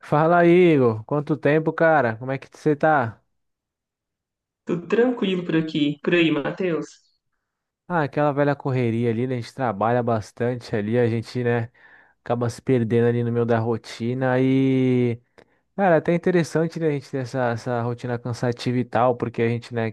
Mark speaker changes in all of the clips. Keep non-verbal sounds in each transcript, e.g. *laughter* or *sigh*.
Speaker 1: Fala, Igor. Quanto tempo, cara? Como é que você tá?
Speaker 2: Tudo tranquilo por aqui. Por aí, Matheus.
Speaker 1: Ah, aquela velha correria ali, né? A gente trabalha bastante ali, a gente, né, acaba se perdendo ali no meio da rotina e, cara, é até interessante, né, a gente ter essa rotina cansativa e tal, porque a gente, né,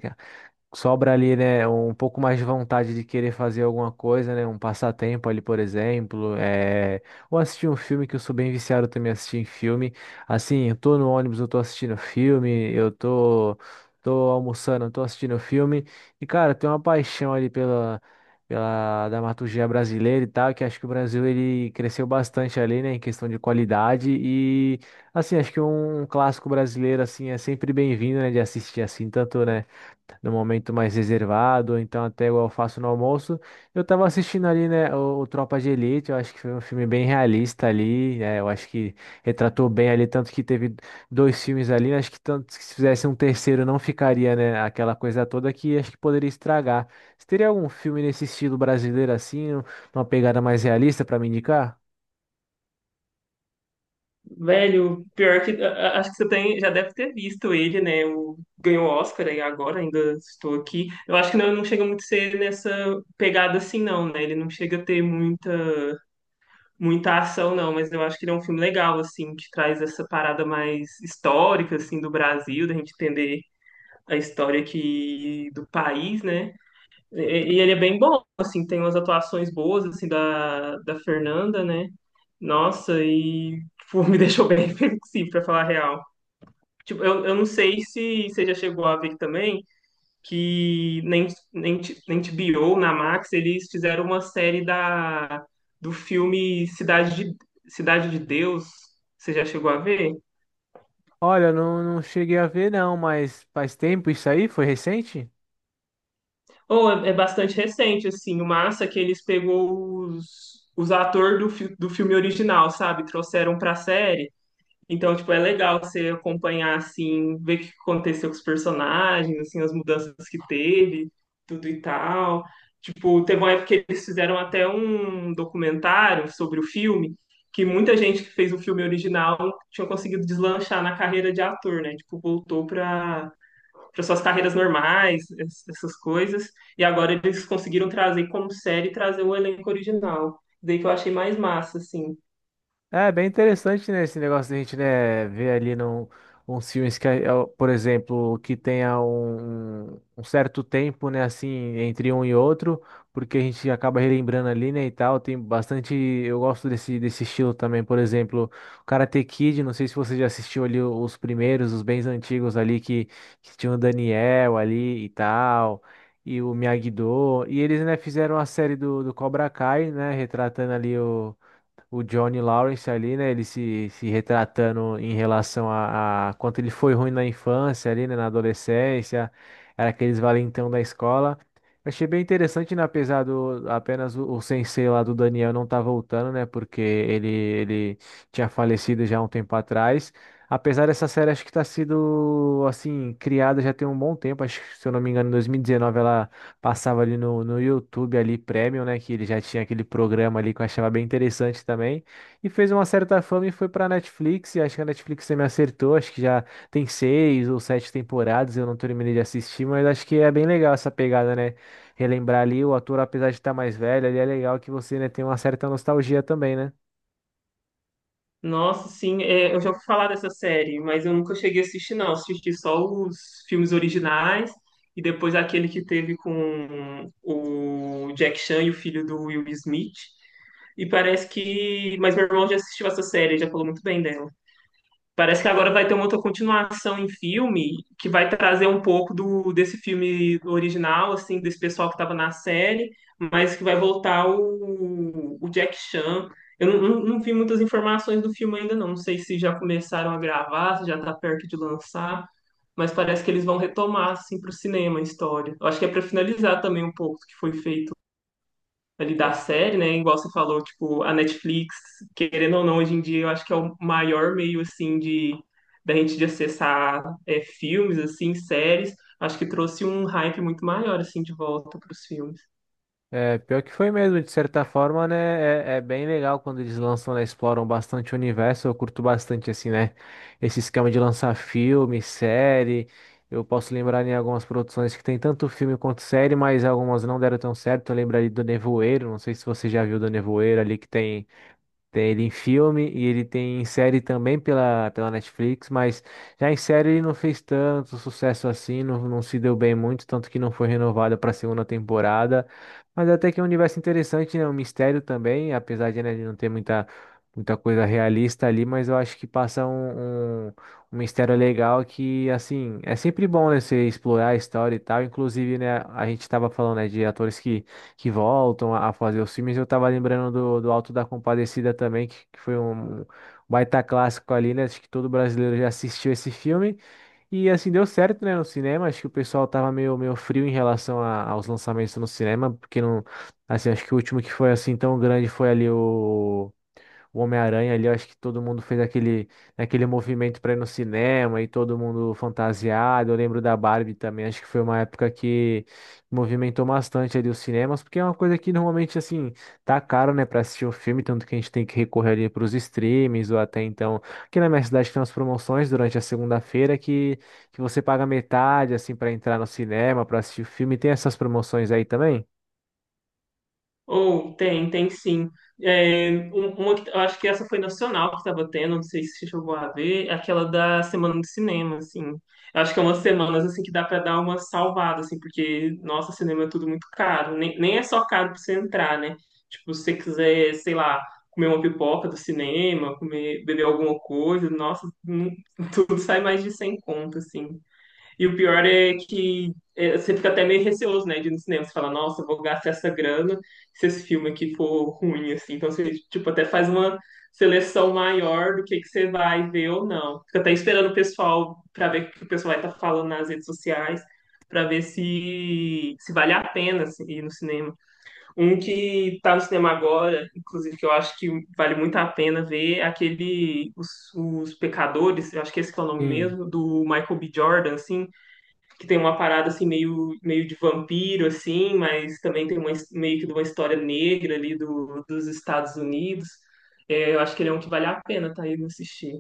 Speaker 1: sobra ali, né, um pouco mais de vontade de querer fazer alguma coisa, né, um passatempo ali, por exemplo, ou assistir um filme que eu sou bem viciado também em assistir em filme. Assim, eu tô no ônibus, eu tô assistindo filme, eu tô almoçando, eu tô assistindo filme. E cara, tem uma paixão ali pela dramaturgia brasileira e tal, que acho que o Brasil ele cresceu bastante ali, né, em questão de qualidade e assim, acho que um clássico brasileiro assim é sempre bem-vindo, né, de assistir assim, tanto, né, no momento mais reservado, ou então até igual eu faço no almoço. Eu tava assistindo ali, né, o Tropa de Elite, eu acho que foi um filme bem realista ali, né, eu acho que retratou bem ali, tanto que teve dois filmes ali, né, acho que tanto que se fizesse um terceiro não ficaria, né, aquela coisa toda que acho que poderia estragar. Você teria algum filme nesse estilo brasileiro assim, uma pegada mais realista para me indicar?
Speaker 2: Velho, pior que acho que você tem, já deve ter visto ele, né? O, ganhou o Oscar aí agora, ainda estou aqui. Eu acho que não, não chega muito a ser nessa pegada assim, não, né? Ele não chega a ter muita ação, não, mas eu acho que ele é um filme legal, assim, que traz essa parada mais histórica, assim, do Brasil, da gente entender a história aqui do país, né? E, e ele é bem bom, assim, tem umas atuações boas, assim, da Fernanda, né? Nossa, e, tipo, *laughs* me deixou bem reflexivo, pra falar a real. Tipo, eu não sei se você já chegou a ver também que nem, nem, T- nem HBO, na Max, eles fizeram uma série do filme Cidade de Deus. Você já chegou a ver?
Speaker 1: Olha, eu não cheguei a ver não, mas faz tempo isso aí? Foi recente?
Speaker 2: Ou é bastante recente, assim. O massa é que eles pegou os atores do filme original, sabe? Trouxeram pra série. Então, tipo, é legal você acompanhar, assim, ver o que aconteceu com os personagens, assim, as mudanças que teve, tudo e tal. Tipo, teve uma época que eles fizeram até um documentário sobre o filme, que muita gente que fez o filme original tinha conseguido deslanchar na carreira de ator, né? Tipo, voltou pra para suas carreiras normais, essas coisas. E agora eles conseguiram trazer como série, trazer o elenco original. Daí que eu achei mais massa, assim.
Speaker 1: É bem interessante, né, esse negócio de a gente, né, ver ali uns filmes que, ó, por exemplo, que tenha um certo tempo, né, assim, entre um e outro, porque a gente acaba relembrando ali, né, e tal, tem bastante, eu gosto desse estilo também, por exemplo, o Karate Kid, não sei se você já assistiu ali os primeiros, os bens antigos ali, que tinha o Daniel ali e tal, e o Miyagi-Do, e eles, né, fizeram a série do Cobra Kai, né, retratando ali o Johnny Lawrence ali, né? Ele se retratando em relação a quanto ele foi ruim na infância ali, né? Na adolescência, era aqueles valentão da escola. Eu achei bem interessante, né? Apesar do apenas o sensei lá do Daniel não tá voltando, né? Porque ele tinha falecido já há um tempo atrás. Apesar dessa série, acho que tá sido, assim, criada já tem um bom tempo. Acho que, se eu não me engano, em 2019 ela passava ali no, no YouTube ali Premium, né? Que ele já tinha aquele programa ali que eu achava bem interessante também. E fez uma certa fama e foi pra Netflix. E acho que a Netflix também acertou. Acho que já tem seis ou sete temporadas. Eu não terminei de assistir, mas acho que é bem legal essa pegada, né? Relembrar ali o ator, apesar de estar mais velho, ali é legal que você, né, tem uma certa nostalgia também, né?
Speaker 2: Nossa, sim, é, eu já ouvi falar dessa série, mas eu nunca cheguei a assistir, não. Assisti só os filmes originais e depois aquele que teve com o Jack Chan e o filho do Will Smith. E parece que. Mas meu irmão já assistiu essa série, já falou muito bem dela. Parece que agora vai ter uma outra continuação em filme que vai trazer um pouco do desse filme original, assim, desse pessoal que estava na série, mas que vai voltar o Jack Chan. Eu não vi muitas informações do filme ainda, não. Não sei se já começaram a gravar, se já está perto de lançar, mas parece que eles vão retomar, assim, para o cinema a história. Eu acho que é para finalizar também um pouco do que foi feito ali da série, né? Igual você falou, tipo, a Netflix, querendo ou não, hoje em dia eu acho que é o maior meio assim de da gente de acessar é, filmes, assim, séries. Acho que trouxe um hype muito maior assim de volta para os filmes.
Speaker 1: É, pior que foi mesmo, de certa forma, né? É, é bem legal quando eles lançam, né? Exploram bastante o universo. Eu curto bastante, assim, né? Esse esquema de lançar filme, série. Eu posso lembrar em algumas produções que tem tanto filme quanto série, mas algumas não deram tão certo. Eu lembro ali do Nevoeiro, não sei se você já viu do Nevoeiro ali que tem. Tem ele em filme e ele tem em série também pela Netflix, mas já em série ele não fez tanto sucesso assim, não, se deu bem muito, tanto que não foi renovado para a segunda temporada. Mas até que é um universo interessante, né? Um mistério também, apesar de, né, de não ter muita, muita coisa realista ali, mas eu acho que passa um mistério legal que, assim, é sempre bom, né, você explorar a história e tal. Inclusive, né, a gente estava falando, né, de atores que voltam a fazer os filmes. Eu tava lembrando do Alto da Compadecida também, que foi um baita clássico ali, né? Acho que todo brasileiro já assistiu esse filme. E assim, deu certo, né, no cinema. Acho que o pessoal tava meio, meio frio em relação aos lançamentos no cinema, porque não. Assim, acho que o último que foi assim tão grande foi ali o Homem-Aranha ali, eu acho que todo mundo fez aquele movimento para ir no cinema e todo mundo fantasiado. Eu lembro da Barbie também, acho que foi uma época que movimentou bastante ali os cinemas, porque é uma coisa que normalmente assim tá caro, né, para assistir um filme, tanto que a gente tem que recorrer ali para os streams ou até então. Aqui na minha cidade tem umas promoções durante a segunda-feira que você paga metade assim para entrar no cinema, para assistir o filme. Tem essas promoções aí também?
Speaker 2: Ou tem, tem sim. É, eu acho que essa foi nacional que estava tendo, não sei se você chegou a ver, é aquela da semana de cinema, assim. Eu acho que é umas semanas assim que dá para dar uma salvada, assim, porque, nossa, cinema é tudo muito caro. Nem é só caro para você entrar, né? Tipo, se você quiser, sei lá, comer uma pipoca do cinema, comer, beber alguma coisa, nossa, não- *laughs* tudo sai mais de 100 conto, assim. E o pior é que é, você fica até meio receoso, né, de ir no cinema. Você fala, nossa, eu vou gastar essa grana se esse filme aqui for ruim, assim. Então você, tipo, até faz uma seleção maior do que você vai ver ou não. Fica até esperando o pessoal para ver o que o pessoal vai estar falando nas redes sociais, para ver se vale a pena assim, ir no cinema. Um que tá no cinema agora, inclusive, que eu acho que vale muito a pena ver, é Os Pecadores, eu acho que esse que é o nome
Speaker 1: Sim.
Speaker 2: mesmo, do Michael B. Jordan, assim, que tem uma parada assim meio de vampiro assim, mas também tem uma, his- meio que de uma história negra dos Estados Unidos. É, eu acho que ele é um que vale a pena tá aí assistir.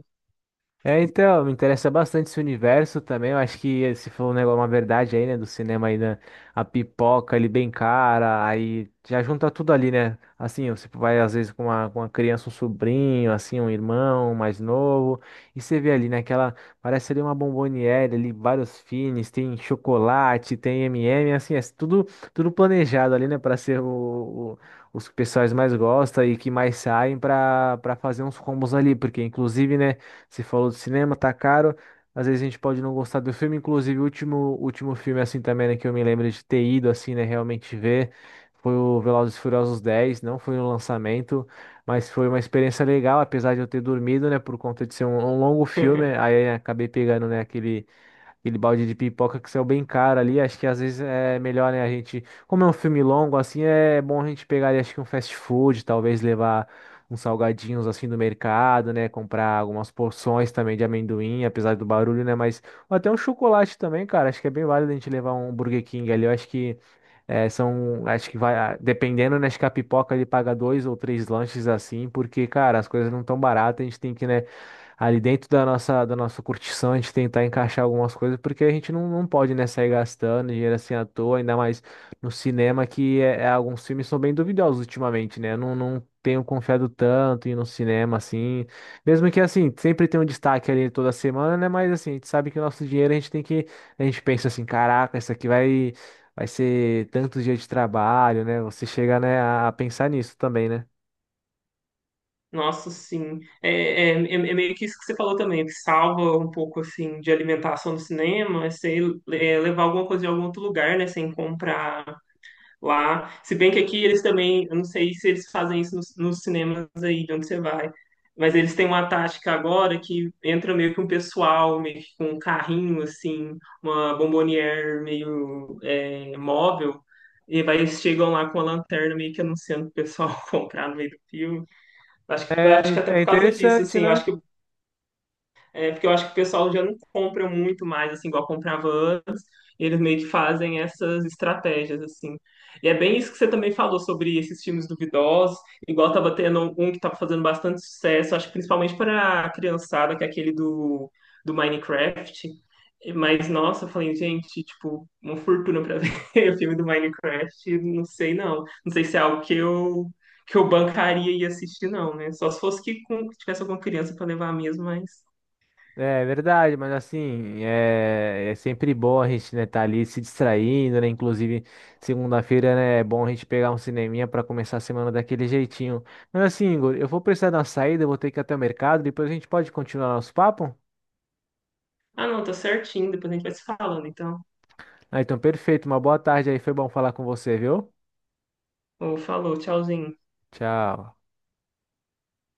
Speaker 1: É, então, me interessa bastante esse universo também. Eu acho que se for um negócio, uma verdade aí, né, do cinema aí, né, a pipoca ali bem cara, aí já junta tudo ali, né? Assim, você vai às vezes com uma criança, um sobrinho, assim, um irmão mais novo, e você vê ali, né, parece ali uma bomboniere ali, vários fines, tem chocolate, tem M&M, assim, é tudo planejado ali, né, para ser o- os que pessoais mais gostam e que mais saem para fazer uns combos ali, porque inclusive, né, você falou do cinema, tá caro. Às vezes a gente pode não gostar do filme, inclusive o último filme assim também, né, que eu me lembro de ter ido assim, né, realmente ver, foi o Velozes e Furiosos 10, não foi um lançamento, mas foi uma experiência legal, apesar de eu ter dormido, né, por conta de ser um longo filme,
Speaker 2: *laughs*
Speaker 1: aí acabei pegando, né, aquele balde de pipoca que saiu bem caro ali. Acho que às vezes é melhor, né, a gente, como é um filme longo assim, é bom a gente pegar ali, acho que um fast food, talvez levar uns salgadinhos assim do mercado, né, comprar algumas porções também de amendoim, apesar do barulho, né, mas ou até um chocolate também, cara. Acho que é bem válido a gente levar um Burger King ali. Eu acho que é, são, acho que vai, ah, dependendo, né, acho que a pipoca ele paga dois ou três lanches assim, porque, cara, as coisas não tão baratas, a gente tem que, né, ali dentro da nossa curtição, a gente tentar encaixar algumas coisas, porque a gente não pode, né, sair gastando dinheiro assim à toa, ainda mais no cinema, que alguns filmes são bem duvidosos ultimamente, né? Eu não tenho confiado tanto em ir no cinema, assim. Mesmo que, assim, sempre tem um destaque ali toda semana, né? Mas, assim, a gente sabe que o nosso dinheiro a gente tem que... A gente pensa assim, caraca, isso aqui vai... Vai ser tantos dias de trabalho, né? Você chega, né, a pensar nisso também, né?
Speaker 2: Nossa, sim. É meio que isso que você falou também, que salva um pouco assim de alimentação do cinema, é você é, levar alguma coisa de algum outro lugar, né, sem comprar lá. Se bem que aqui eles também, eu não sei se eles fazem isso nos cinemas aí de onde você vai, mas eles têm uma tática agora que entra meio que um pessoal, meio que com um carrinho, assim, uma bombonière meio é, móvel, e vai, eles chegam lá com a lanterna meio que anunciando o pessoal *laughs* comprar no meio do filme.
Speaker 1: É,
Speaker 2: Acho que até
Speaker 1: é
Speaker 2: por causa disso,
Speaker 1: interessante,
Speaker 2: assim, eu acho
Speaker 1: né?
Speaker 2: que é, porque eu acho que o pessoal já não compra muito mais, assim, igual comprava antes. E eles meio que fazem essas estratégias, assim. E é bem isso que você também falou sobre esses filmes duvidosos. Igual tava tendo um que tava fazendo bastante sucesso, acho que principalmente para a criançada, que é aquele do Minecraft. Mas, nossa, eu falei, gente, tipo, uma fortuna pra *laughs* ver o filme do Minecraft. Não sei, não. Não sei se é algo que que eu bancaria e assistir, não, né? Só se fosse que com- tivesse alguma criança pra levar mesmo, mas...
Speaker 1: É verdade, mas assim, é, é sempre bom a gente, né, tá ali se distraindo, né? Inclusive, segunda-feira, né, é bom a gente pegar um cineminha para começar a semana daquele jeitinho. Mas assim, Igor, eu vou precisar dar uma saída, eu vou ter que ir até o mercado, depois a gente pode continuar nosso papo?
Speaker 2: Ah, não, tá certinho. Depois a gente vai se falando, então.
Speaker 1: Ah, então perfeito, uma boa tarde aí, foi bom falar com você, viu?
Speaker 2: Ou falou, tchauzinho.
Speaker 1: Tchau.